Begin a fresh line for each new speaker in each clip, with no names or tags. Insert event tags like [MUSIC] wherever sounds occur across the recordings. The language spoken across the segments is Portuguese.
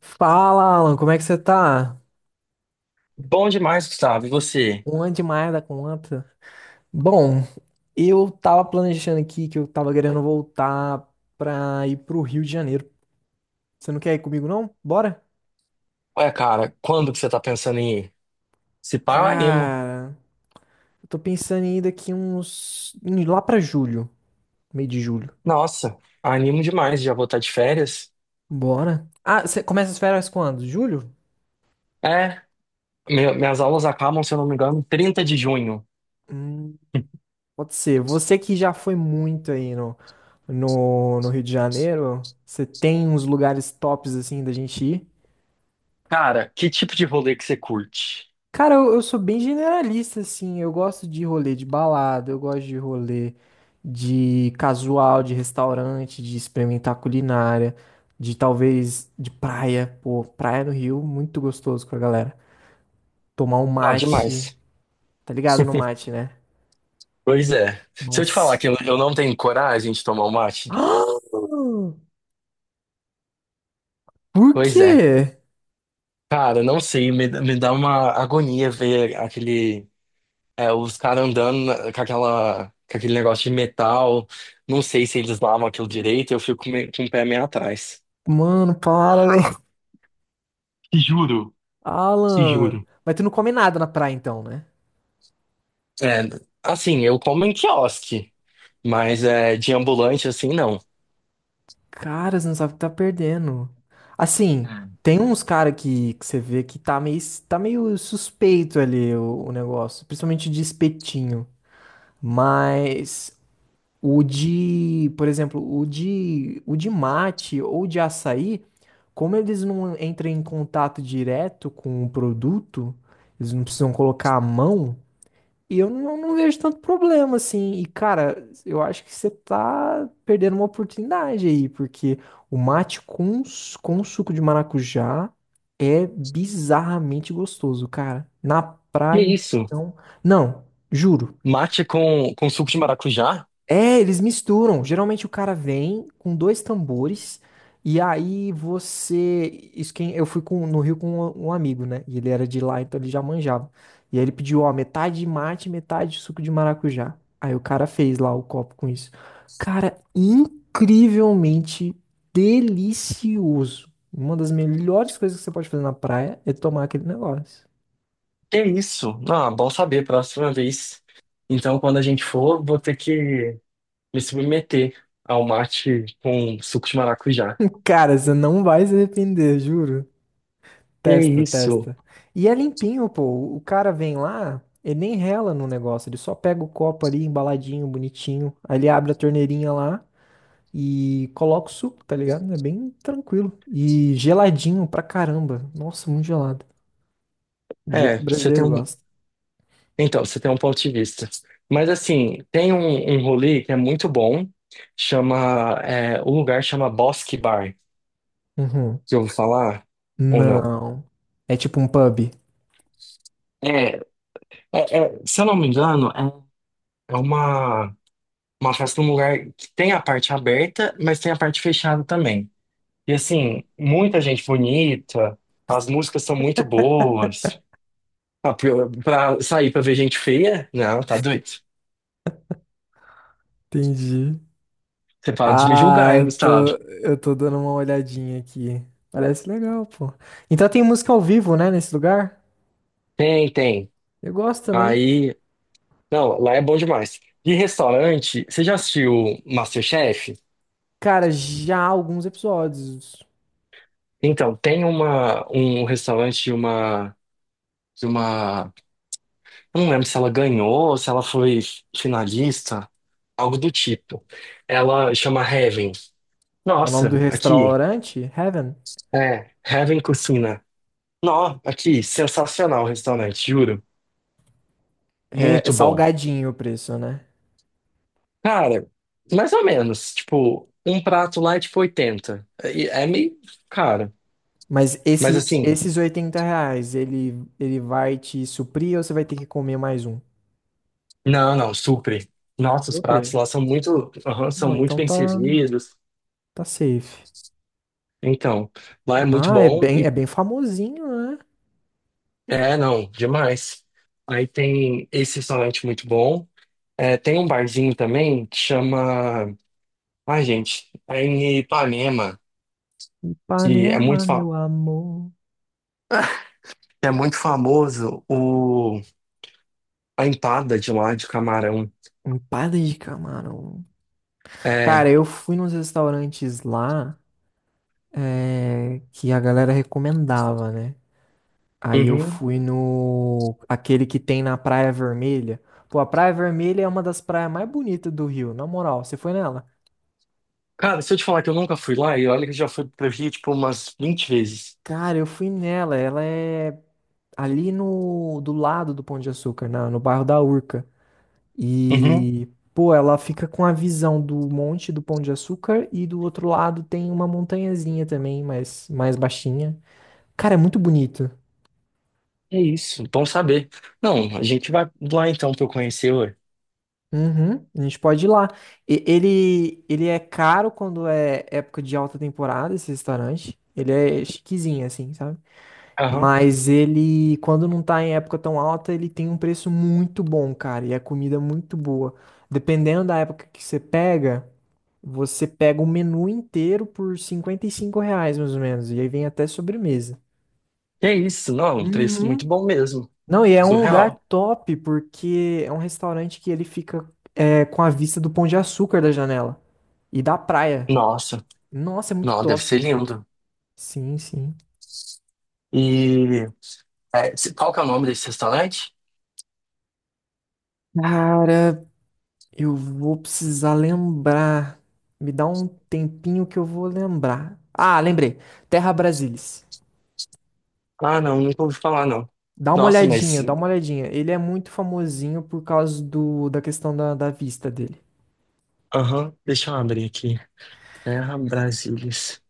Fala, Alan, como é que você tá?
Bom demais, Gustavo. E você?
Uma demais da conta. Bom, eu tava planejando aqui que eu tava querendo voltar pra ir pro Rio de Janeiro. Você não quer ir comigo, não? Bora?
Ué, cara, quando que você tá pensando em ir? Se pá, eu animo.
Cara, eu tô pensando em ir daqui lá pra julho, meio de julho.
Nossa, animo demais. Já vou estar de férias.
Bora? Ah, você começa as férias quando? Julho?
É, minhas aulas acabam, se eu não me engano, 30 de junho.
Hum, Pode ser. Você que já foi muito aí no, no Rio de Janeiro, você tem uns lugares tops assim da gente ir?
Cara, que tipo de rolê que você curte?
Cara, eu sou bem generalista, assim. Eu gosto de rolê de balada, eu gosto de rolê de casual, de restaurante, de experimentar culinária, de talvez de praia. Pô, praia no Rio, muito gostoso com a galera. Tomar um
Não,
mate.
demais.
Tá ligado no
[LAUGHS]
mate, né?
Pois é. Se eu te falar
Nossa.
que eu não tenho coragem de tomar um mate,
[GASPS] Por
pois é.
quê?
Cara, não sei, me dá uma agonia ver aquele. É, os caras andando com com aquele negócio de metal. Não sei se eles lavam aquilo direito, eu fico com o pé meio atrás.
Mano, para, velho.
Te juro, te
Alan.
juro.
Mas tu não come nada na praia, então, né?
É, assim, eu como em quiosque, mas é, de ambulante assim, não.
Cara, você não sabe o que tá perdendo. Assim,
Ah.
tem uns cara que você vê que tá meio suspeito ali o negócio, principalmente de espetinho. Mas o de, por exemplo, o de mate ou de açaí, como eles não entram em contato direto com o produto, eles não precisam colocar a mão. E eu não vejo tanto problema, assim. E, cara, eu acho que você tá perdendo uma oportunidade aí, porque o mate com suco de maracujá é bizarramente gostoso, cara. Na
Que
praia,
isso?
então. Não, juro.
Mate com suco de maracujá?
É, eles misturam. Geralmente o cara vem com dois tambores e aí isso quem eu fui no Rio com um amigo, né? E ele era de lá, então ele já manjava. E aí ele pediu, ó, metade de mate, metade de suco de maracujá. Aí o cara fez lá o copo com isso. Cara, incrivelmente delicioso. Uma das melhores coisas que você pode fazer na praia é tomar aquele negócio.
Que isso? Ah, bom saber, próxima vez. Então, quando a gente for, vou ter que me submeter ao mate com suco de maracujá.
[LAUGHS] Cara, você não vai se arrepender, juro.
Que
Testa,
isso?
testa. E é limpinho, pô. O cara vem lá, ele nem rela no negócio, ele só pega o copo ali embaladinho, bonitinho. Aí ele abre a torneirinha lá e coloca o suco, tá ligado? É bem tranquilo. E geladinho pra caramba. Nossa, muito gelado. Do jeito
É,
que o
você tem
brasileiro
um.
gosta.
Então, você tem um ponto de vista. Mas assim, um rolê que é muito bom, chama, é, o lugar chama Bosque Bar.
Uhum.
Que eu vou falar? Ou não?
Não. É tipo um pub.
É, é- é, se eu não me engano, é uma, uma festa num lugar que tem a parte aberta, mas tem a parte fechada também. E assim, muita gente bonita, as músicas são muito boas. Ah, pra sair pra ver gente feia? Não, tá doido.
Entendi.
Você para de me
Ah,
julgar, hein,
eu tô,
Gustavo?
eu tô dando uma olhadinha aqui. Parece legal, pô. Então tem música ao vivo, né, nesse lugar?
Tem, tem.
Eu gosto também.
Aí. Não, lá é bom demais. E restaurante, você já assistiu MasterChef?
Cara, já há alguns episódios.
Então, um restaurante de uma. Eu não lembro se ela ganhou, se ela foi finalista, algo do tipo. Ela chama Heaven.
O nome do
Nossa, aqui.
restaurante, Heaven,
É, Heaven Cucina. Nó, aqui, sensacional o restaurante, juro.
é
Muito bom.
salgadinho o preço, né?
Cara, mais ou menos. Tipo, um prato lá é tipo 80. E é meio caro.
Mas
Mas
esse,
assim.
esses R$ 80, ele vai te suprir ou você vai ter que comer mais um?
Não, não, super. Nossa, os pratos
Suprir.
lá são muito, aham, são
Não,
muito
então
bem
tá,
servidos.
tá safe.
Então, lá é muito
Ah, é
bom
bem,
e
é bem famosinho, né?
é, não, demais. Aí tem esse restaurante muito bom. É, tem um barzinho também que chama, ai, gente, é em Ipanema, que é
Ipanema,
muito fa-
meu amor.
[LAUGHS] que é muito famoso o a empada de lá de camarão.
Empada de camarão. Cara,
É,
eu fui nos restaurantes lá, é, que a galera recomendava, né? Aí eu
uhum.
fui no. Aquele que tem na Praia Vermelha. Pô, a Praia Vermelha é uma das praias mais bonitas do Rio, na moral. Você foi nela?
Cara, se eu te falar que eu nunca fui lá, e olha que eu já fui pro Rio, tipo, umas 20 vezes.
Cara, eu fui nela. Ela é ali no. Do lado do Pão de Açúcar, no bairro da Urca.
Uhum.
E. Pô, ela fica com a visão do monte do Pão de Açúcar e do outro lado tem uma montanhazinha também, mas mais baixinha. Cara, é muito bonito.
É isso, bom saber. Não, a gente vai lá então pra eu conhecer, ué.
Uhum, a gente pode ir lá. Ele é caro quando é época de alta temporada, esse restaurante. Ele é chiquezinho, assim, sabe?
Aham.
Mas ele, quando não tá em época tão alta, ele tem um preço muito bom, cara. E a comida é muito boa. Dependendo da época que você pega o menu inteiro por R$ 55, mais ou menos. E aí vem até sobremesa.
É isso, não, um preço muito
Uhum.
bom mesmo.
Não, e é um lugar
Surreal.
top, porque é um restaurante que ele fica é, com a vista do Pão de Açúcar da janela. E da praia.
Nossa,
Nossa, é muito
não, deve ser
top.
lindo.
Sim, sim.
E qual que é o nome desse restaurante?
Cara, eu vou precisar lembrar. Me dá um tempinho que eu vou lembrar. Ah, lembrei. Terra Brasilis.
Ah, não, nunca ouvi falar, não.
Dá uma
Nossa, mas.
olhadinha, dá uma olhadinha. Ele é muito famosinho por causa da questão da vista dele.
Aham, deixa eu abrir aqui. Terra Brasilis.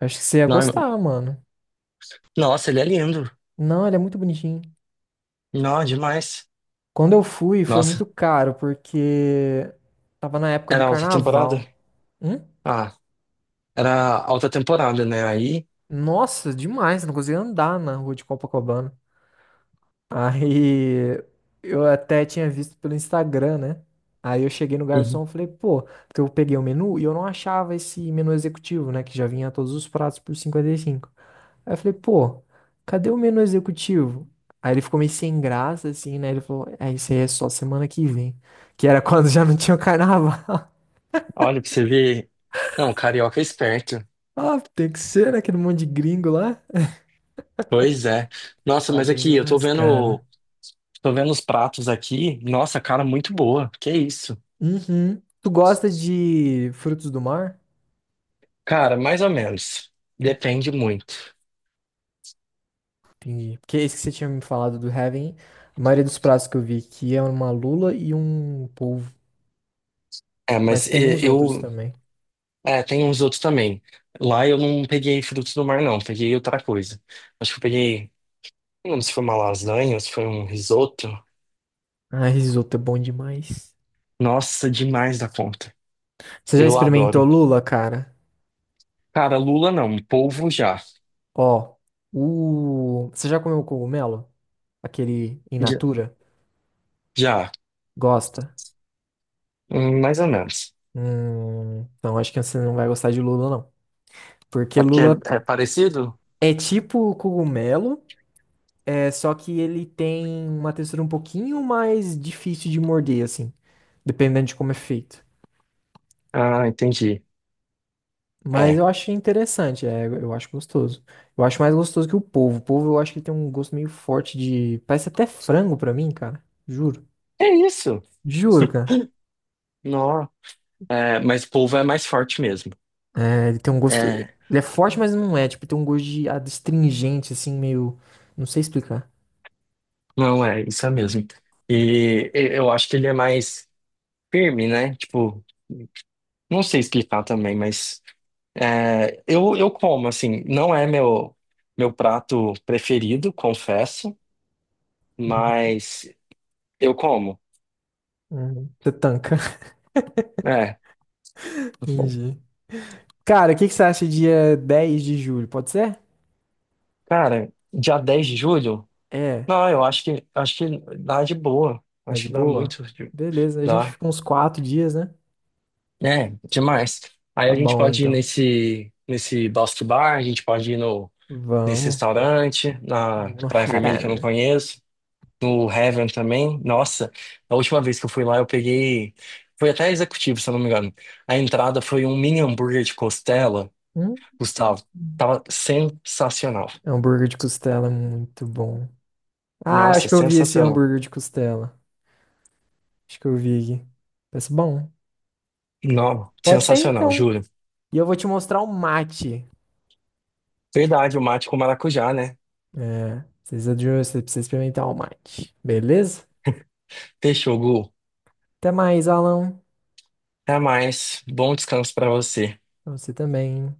Acho que você ia
Não,
gostar, mano.
nossa, ele é lindo.
Não, ele é muito bonitinho.
Não, demais.
Quando eu fui, foi muito
Nossa,
caro, porque tava na época do
era alta temporada?
carnaval. Hum?
Ah, era alta temporada, né? Aí.
Nossa, demais. Não conseguia andar na rua de Copacabana. Aí eu até tinha visto pelo Instagram, né? Aí eu cheguei no garçom e falei, pô, porque eu peguei o menu e eu não achava esse menu executivo, né? Que já vinha todos os pratos por 55. Aí eu falei, pô, cadê o menu executivo? Aí ele ficou meio sem graça, assim, né? Ele falou, é, isso aí é só semana que vem. Que era [LAUGHS] quando já não tinha o carnaval. [LAUGHS]
Olha, pra você ver. Não, carioca é esperto.
Ah, tem que ser, né? Aquele monte de gringo lá.
Pois é. Nossa,
A
mas
gringa é
aqui,
mais cara.
tô vendo os pratos aqui. Nossa, cara, muito boa. Que isso?
Uhum. Tu gosta de frutos do mar?
Cara, mais ou menos. Depende muito.
Entendi. Porque esse que você tinha me falado do Heaven, a maioria dos pratos que eu vi aqui é uma lula e um polvo.
É,
Mas
mas
tem
e-
uns outros
eu.
também.
É, tem uns outros também. Lá eu não peguei frutos do mar, não. Peguei outra coisa. Acho que eu peguei. Não lembro se foi uma lasanha, ou se foi um risoto.
Ah, risoto é bom demais.
Nossa, demais da conta.
Você já
Eu
experimentou
adoro.
lula, cara?
Cara, lula não. Polvo já.
Ó, Você já comeu cogumelo? Aquele in
Já.
natura?
Já.
Gosta?
Mais ou menos.
Não, acho que você não vai gostar de lula, não. Porque
É porque
lula
é parecido?
é tipo cogumelo, é só que ele tem uma textura um pouquinho mais difícil de morder, assim. Dependendo de como é feito.
Ah, entendi.
Mas
É.
eu acho interessante, é, eu acho gostoso. Eu acho mais gostoso que o polvo. O polvo eu acho que tem um gosto meio forte de. Parece até frango pra mim, cara. Juro.
É isso.
Juro, cara.
Não. É, mas polvo é mais forte mesmo.
É, ele tem um gosto.
É.
Ele é forte, mas não é. Tipo, tem um gosto de astringente, assim, meio. Não sei explicar.
Não, é, isso é mesmo. Eu acho que ele é mais firme, né? Tipo, não sei explicar também, mas é, eu como, assim, não é meu, meu prato preferido, confesso,
Uhum,
mas eu como.
uhum. Você tanca.
É.
[LAUGHS]
Eu como.
Entendi. Cara, o que que você acha dia 10 de julho? Pode ser?
Cara, dia 10 de julho?
É,
Não, eu acho que dá de boa.
tá
Acho
de
que dá
boa?
muito.
Beleza, a gente
Dá.
fica uns 4 dias, né?
É, demais. Aí
Tá
a gente
bom,
pode ir
então.
nesse Bosque Bar, a gente pode ir no, nesse
Vamos.
restaurante, na
Vamos no
Praia Vermelha que eu não
Heaven.
conheço, no Heaven também. Nossa, a última vez que eu fui lá eu peguei. Foi até executivo, se eu não me engano. A entrada foi um mini hambúrguer de costela,
Hum?
Gustavo. Tava sensacional.
Hambúrguer de costela, é muito bom. Ah, eu
Nossa,
acho que eu vi esse
sensacional.
hambúrguer de costela. Acho que eu vi aqui. Parece bom.
Não,
Pode ser
sensacional,
então.
juro.
E eu vou te mostrar o mate.
Verdade, o mate com maracujá, né?
É, você precisa experimentar o mate. Beleza?
Fechou, Gu.
Até mais, Alan.
Até mais. Bom descanso pra você.
Pra você também.